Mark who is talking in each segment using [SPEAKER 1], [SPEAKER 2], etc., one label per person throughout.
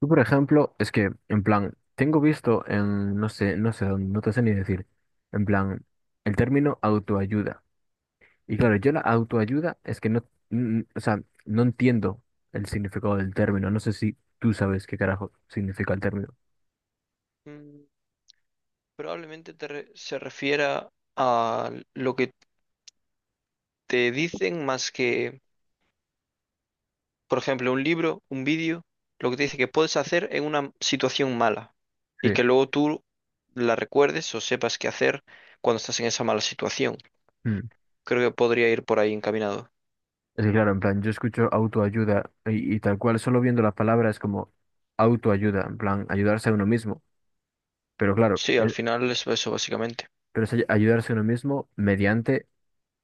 [SPEAKER 1] Tú, por ejemplo, es que, en plan, tengo visto en, no sé, no sé dónde, no te sé ni decir, en plan, el término autoayuda. Y claro, yo la autoayuda es que no, o sea, no entiendo el significado del término. No sé si tú sabes qué carajo significa el término.
[SPEAKER 2] Mm, probablemente se refiera a lo que te dicen más que, por ejemplo, un libro, un vídeo, lo que te dice que puedes hacer en una situación mala y
[SPEAKER 1] Sí.
[SPEAKER 2] que luego tú la recuerdes o sepas qué hacer cuando estás en esa mala situación.
[SPEAKER 1] Mm.
[SPEAKER 2] Creo que podría ir por ahí encaminado.
[SPEAKER 1] Es que, claro, en plan, yo escucho autoayuda y tal cual, solo viendo las palabras como autoayuda, en plan, ayudarse a uno mismo. Pero claro,
[SPEAKER 2] Sí, al final es eso básicamente.
[SPEAKER 1] pero es ayudarse a uno mismo mediante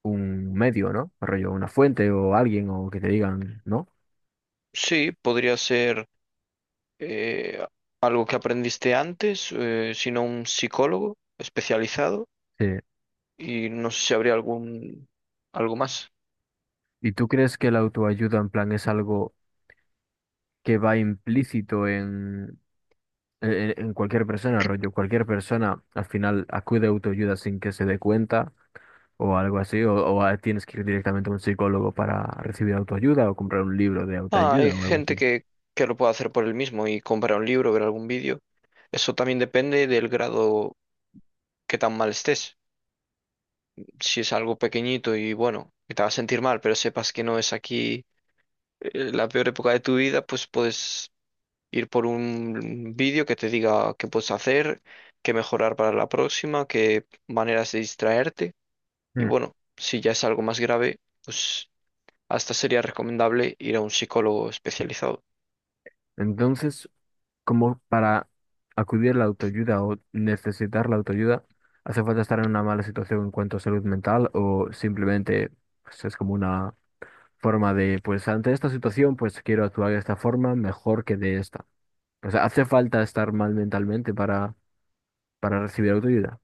[SPEAKER 1] un medio, ¿no? Rollo, una fuente o alguien o que te digan, ¿no?
[SPEAKER 2] Sí, podría ser eh, algo que aprendiste antes, sino un psicólogo especializado
[SPEAKER 1] Sí.
[SPEAKER 2] y no sé si habría algún algo más.
[SPEAKER 1] ¿Y tú crees que la autoayuda en plan es algo que va implícito en cualquier persona, rollo? Cualquier persona al final acude a autoayuda sin que se dé cuenta o algo así, o tienes que ir directamente a un psicólogo para recibir autoayuda o comprar un libro de
[SPEAKER 2] Ah, hay
[SPEAKER 1] autoayuda o algo
[SPEAKER 2] gente
[SPEAKER 1] así.
[SPEAKER 2] que lo puede hacer por él mismo y comprar un libro, ver algún vídeo. Eso también depende del grado que tan mal estés. Si es algo pequeñito y bueno, que te vas a sentir mal, pero sepas que no es aquí la peor época de tu vida, pues puedes ir por un vídeo que te diga qué puedes hacer, qué mejorar para la próxima, qué maneras de distraerte. Y
[SPEAKER 1] Mm.
[SPEAKER 2] bueno, si ya es algo más grave, pues hasta sería recomendable ir a un psicólogo especializado.
[SPEAKER 1] Entonces, como para acudir a la autoayuda o necesitar la autoayuda, hace falta estar en una mala situación en cuanto a salud mental o simplemente, pues, es como una forma de, pues ante esta situación, pues quiero actuar de esta forma mejor que de esta. O sea, hace falta estar mal mentalmente para recibir autoayuda.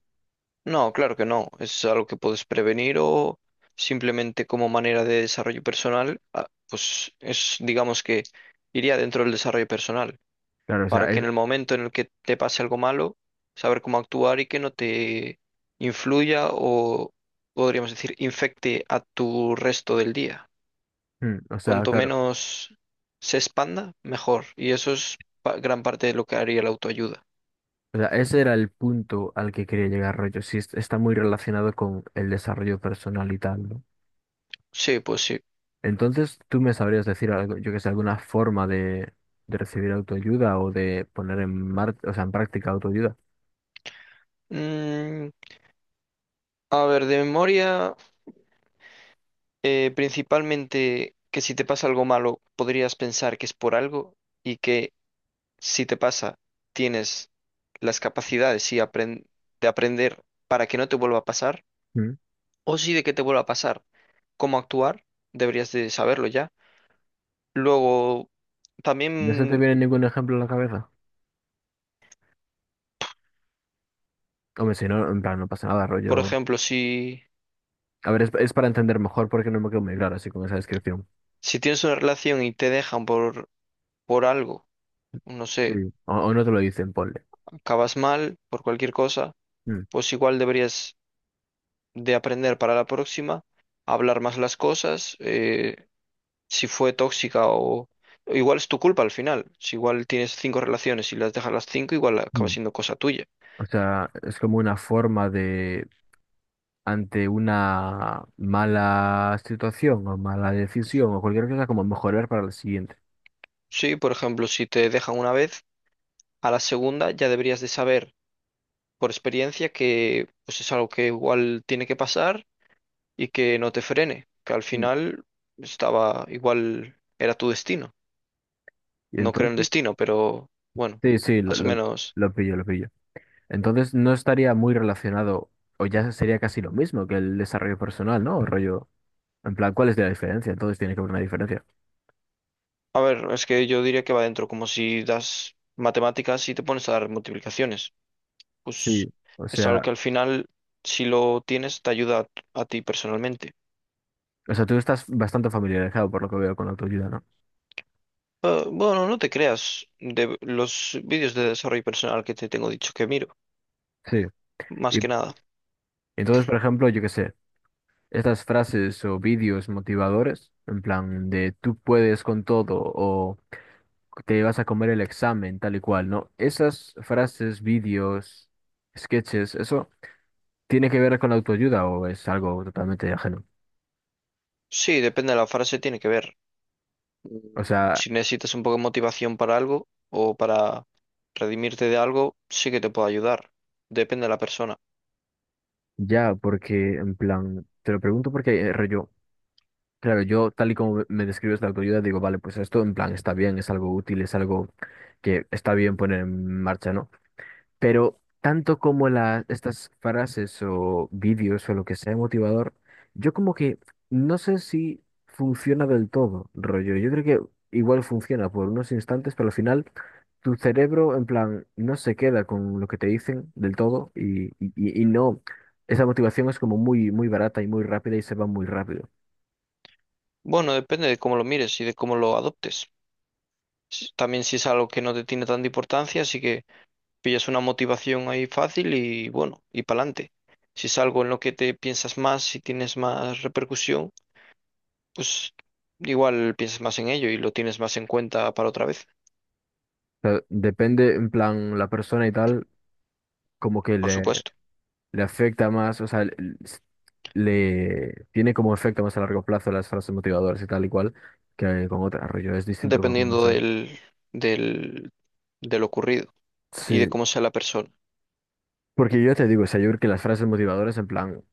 [SPEAKER 2] No, claro que no. Es algo que puedes prevenir o simplemente como manera de desarrollo personal, ah, pues es, digamos que iría dentro del desarrollo personal,
[SPEAKER 1] Claro, o sea,
[SPEAKER 2] para que
[SPEAKER 1] es,
[SPEAKER 2] en el momento en el que te pase algo malo, saber cómo actuar y que no te influya o podríamos decir infecte a tu resto del día.
[SPEAKER 1] mm, o sea,
[SPEAKER 2] Cuanto
[SPEAKER 1] claro.
[SPEAKER 2] menos se expanda, mejor. Y eso es gran parte de lo que haría la autoayuda.
[SPEAKER 1] O sea, ese era el punto al que quería llegar, rollo. Sí, está muy relacionado con el desarrollo personal y tal, ¿no?
[SPEAKER 2] Sí, pues sí.
[SPEAKER 1] Entonces, ¿tú me sabrías decir algo, yo que sé, alguna forma de recibir autoayuda o de poner en mar, o sea, en práctica autoayuda?
[SPEAKER 2] Mm, a ver, de memoria. Principalmente que si te pasa algo malo, podrías pensar que es por algo y que si te pasa, tienes las capacidades y de aprender para que no te vuelva a pasar,
[SPEAKER 1] ¿Mm?
[SPEAKER 2] o si de que te vuelva a pasar, cómo actuar, deberías de saberlo ya. Luego,
[SPEAKER 1] ¿No se te
[SPEAKER 2] también,
[SPEAKER 1] viene ningún ejemplo a la cabeza? Hombre, si no, en plan, no pasa nada,
[SPEAKER 2] por
[SPEAKER 1] rollo.
[SPEAKER 2] ejemplo,
[SPEAKER 1] A ver, es para entender mejor porque no me quedo muy claro así con esa descripción.
[SPEAKER 2] si tienes una relación y te dejan por algo, no
[SPEAKER 1] Sí.
[SPEAKER 2] sé,
[SPEAKER 1] O no te lo dicen, ponle.
[SPEAKER 2] acabas mal por cualquier cosa,
[SPEAKER 1] Mm.
[SPEAKER 2] pues igual deberías de aprender para la próxima, hablar más las cosas, si fue tóxica o... Igual es tu culpa al final. Si igual tienes cinco relaciones y las dejas las cinco, igual acaba
[SPEAKER 1] Mm.
[SPEAKER 2] siendo cosa tuya.
[SPEAKER 1] O sea, es como una forma de, ante una mala situación o mala decisión o cualquier cosa, como mejorar para la siguiente.
[SPEAKER 2] Sí, por ejemplo, si te dejan una vez, a la segunda ya deberías de saber por experiencia que pues es algo que igual tiene que pasar y que no te frene, que al
[SPEAKER 1] Mm.
[SPEAKER 2] final estaba igual era tu destino.
[SPEAKER 1] Y
[SPEAKER 2] No creo en
[SPEAKER 1] entonces,
[SPEAKER 2] destino, pero bueno,
[SPEAKER 1] sí, sí,
[SPEAKER 2] más o menos.
[SPEAKER 1] lo pillo, lo pillo. Entonces no estaría muy relacionado, o ya sería casi lo mismo que el desarrollo personal, ¿no? El rollo, en plan, ¿cuál es la diferencia? Entonces tiene que haber una diferencia.
[SPEAKER 2] A ver, es que yo diría que va dentro, como si das matemáticas y te pones a dar multiplicaciones.
[SPEAKER 1] Sí,
[SPEAKER 2] Pues
[SPEAKER 1] o
[SPEAKER 2] es algo
[SPEAKER 1] sea,
[SPEAKER 2] que al final, si lo tienes, te ayuda a ti personalmente.
[SPEAKER 1] o sea, tú estás bastante familiarizado por lo que veo con la autoayuda, ¿no?
[SPEAKER 2] Bueno, no te creas, de los vídeos de desarrollo personal que te tengo dicho que miro,
[SPEAKER 1] Sí.
[SPEAKER 2] más
[SPEAKER 1] Y
[SPEAKER 2] que nada.
[SPEAKER 1] entonces, por ejemplo, yo qué sé, estas frases o vídeos motivadores, en plan de tú puedes con todo o te vas a comer el examen, tal y cual, ¿no? Esas frases, vídeos, sketches, ¿eso tiene que ver con la autoayuda o es algo totalmente ajeno?
[SPEAKER 2] Sí, depende de la frase, tiene que ver.
[SPEAKER 1] O
[SPEAKER 2] Mm,
[SPEAKER 1] sea,
[SPEAKER 2] si necesitas un poco de motivación para algo o para redimirte de algo, sí que te puede ayudar. Depende de la persona.
[SPEAKER 1] ya, porque en plan, te lo pregunto porque rollo, claro, yo tal y como me describes la autoayuda, digo, vale, pues esto en plan está bien, es algo útil, es algo que está bien poner en marcha, ¿no? Pero tanto como estas frases o vídeos o lo que sea motivador, yo como que no sé si funciona del todo, rollo. Yo creo que igual funciona por unos instantes, pero al final tu cerebro en plan no se queda con lo que te dicen del todo y no, esa motivación es como muy, muy barata y muy rápida y se va muy rápido.
[SPEAKER 2] Bueno, depende de cómo lo mires y de cómo lo adoptes. También si es algo que no te tiene tanta importancia, así que pillas una motivación ahí fácil y bueno, y para adelante. Si es algo en lo que te piensas más, si tienes más repercusión, pues igual piensas más en ello y lo tienes más en cuenta para otra vez,
[SPEAKER 1] O sea, depende en plan la persona y tal, como que
[SPEAKER 2] por
[SPEAKER 1] le,
[SPEAKER 2] supuesto,
[SPEAKER 1] le afecta más, o sea, le tiene como efecto más a largo plazo las frases motivadoras y tal y cual que con otra rollo, es distinto para cada
[SPEAKER 2] dependiendo
[SPEAKER 1] persona.
[SPEAKER 2] del, de lo ocurrido y de
[SPEAKER 1] Sí,
[SPEAKER 2] cómo sea la persona.
[SPEAKER 1] porque yo te digo, o sea, yo creo que las frases motivadoras en plan,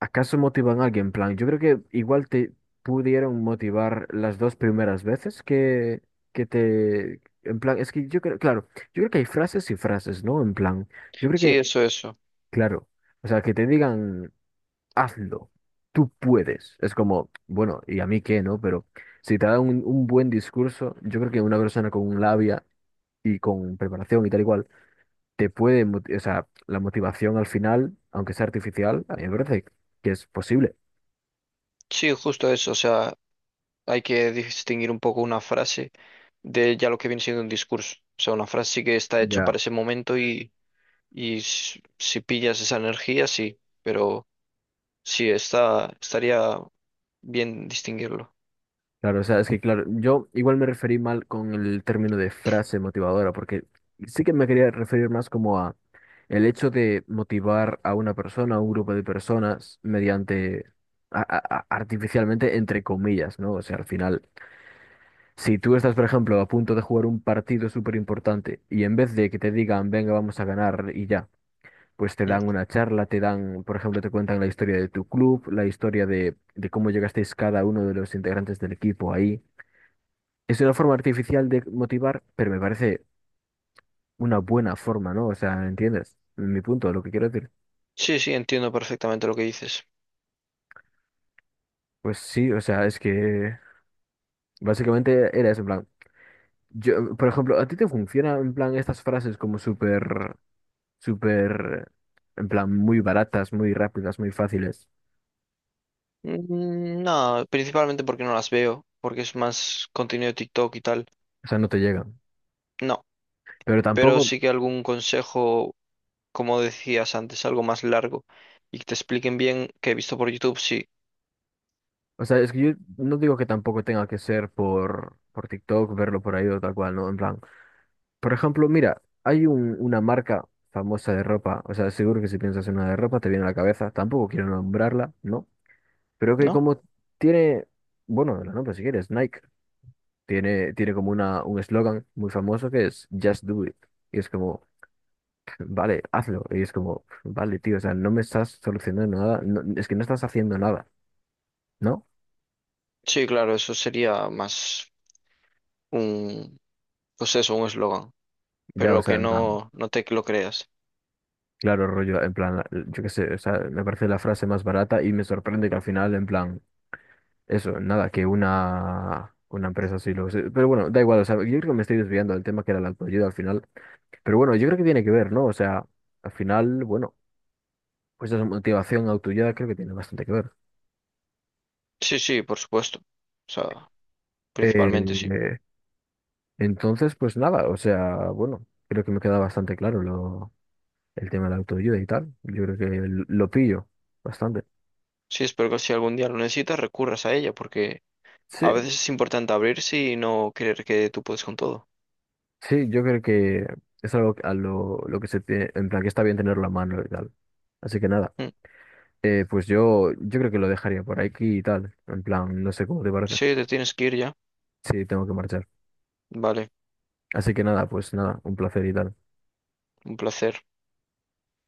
[SPEAKER 1] ¿acaso motivan a alguien? En plan, yo creo que igual te pudieron motivar las dos primeras veces que te, en plan, es que yo creo, claro, yo creo que hay frases y frases, ¿no? En plan, yo creo
[SPEAKER 2] Sí,
[SPEAKER 1] que,
[SPEAKER 2] eso, eso.
[SPEAKER 1] claro, o sea, que te digan, hazlo, tú puedes. Es como, bueno, ¿y a mí qué, no? Pero si te da un buen discurso, yo creo que una persona con labia y con preparación y tal y cual, te puede, o sea, la motivación al final, aunque sea artificial, a mí me parece que es posible.
[SPEAKER 2] Sí, justo eso. O sea, hay que distinguir un poco una frase de ya lo que viene siendo un discurso. O sea, una frase sí que está hecho
[SPEAKER 1] Ya.
[SPEAKER 2] para ese momento. Y si pillas esa energía, sí, pero sí, está, estaría bien distinguirlo.
[SPEAKER 1] Claro, o sea, es que claro, yo igual me referí mal con el término de frase motivadora, porque sí que me quería referir más como a el hecho de motivar a una persona, a un grupo de personas, mediante artificialmente, entre comillas, ¿no? O sea, al final, si tú estás, por ejemplo, a punto de jugar un partido súper importante y en vez de que te digan, venga, vamos a ganar y ya, pues te
[SPEAKER 2] Mm.
[SPEAKER 1] dan una charla, te dan, por ejemplo, te cuentan la historia de tu club, la historia de cómo llegasteis cada uno de los integrantes del equipo ahí. Es una forma artificial de motivar, pero me parece una buena forma, ¿no? O sea, ¿entiendes? Mi punto, lo que quiero decir.
[SPEAKER 2] Sí, sí, entiendo perfectamente lo que dices.
[SPEAKER 1] Pues sí, o sea, es que básicamente era eso, en plan. Yo, por ejemplo, ¿a ti te funciona en plan estas frases como súper, súper, en plan, muy baratas, muy rápidas, muy fáciles?
[SPEAKER 2] Mm, no, principalmente porque no las veo, porque es más contenido de TikTok y tal.
[SPEAKER 1] O sea, no te llegan.
[SPEAKER 2] No,
[SPEAKER 1] Pero
[SPEAKER 2] pero
[SPEAKER 1] tampoco,
[SPEAKER 2] sí que algún consejo como decías antes, algo más largo y que te expliquen bien que he visto por YouTube, sí,
[SPEAKER 1] o sea, es que yo no digo que tampoco tenga que ser por TikTok, verlo por ahí o tal cual, ¿no? En plan. Por ejemplo, mira, hay una marca famosa de ropa, o sea, seguro que si piensas en una de ropa te viene a la cabeza, tampoco quiero nombrarla, ¿no? Pero que
[SPEAKER 2] ¿no?
[SPEAKER 1] como tiene, bueno, la nombro si quieres, Nike, tiene como una, un eslogan muy famoso que es Just Do It. Y es como, vale, hazlo. Y es como, vale, tío, o sea, no me estás solucionando nada, es que no estás haciendo nada, ¿no?
[SPEAKER 2] Sí, claro, eso sería más un, pues eso, un eslogan,
[SPEAKER 1] Ya, o
[SPEAKER 2] pero
[SPEAKER 1] sea,
[SPEAKER 2] que
[SPEAKER 1] en plan,
[SPEAKER 2] no, no te lo creas.
[SPEAKER 1] claro, rollo, en plan, yo qué sé, o sea, me parece la frase más barata y me sorprende que al final, en plan, eso, nada, que una empresa sí lo, sí. Pero bueno, da igual, o sea, yo creo que me estoy desviando del tema que era la autoayuda al final. Pero bueno, yo creo que tiene que ver, ¿no? O sea, al final, bueno, pues esa motivación autoayuda creo que tiene bastante que ver.
[SPEAKER 2] Sí, sí, por supuesto. O sea,
[SPEAKER 1] Eh,
[SPEAKER 2] principalmente sí.
[SPEAKER 1] eh, entonces, pues nada, o sea, bueno, creo que me queda bastante claro lo, el tema de la autoayuda y tal. Yo creo que lo pillo bastante.
[SPEAKER 2] Sí, espero que si algún día lo necesitas, recurras a ella, porque a
[SPEAKER 1] Sí,
[SPEAKER 2] veces es importante abrirse y no creer que tú puedes con todo.
[SPEAKER 1] sí, yo creo que es algo a lo que se tiene, en plan que está bien tenerlo a mano y tal. Así que nada.
[SPEAKER 2] Mm.
[SPEAKER 1] Pues yo, yo creo que lo dejaría por aquí y tal. En plan, no sé cómo te parece.
[SPEAKER 2] Sí, te tienes que ir ya.
[SPEAKER 1] Sí, tengo que marchar.
[SPEAKER 2] Vale,
[SPEAKER 1] Así que nada, pues nada, un placer y tal.
[SPEAKER 2] un placer.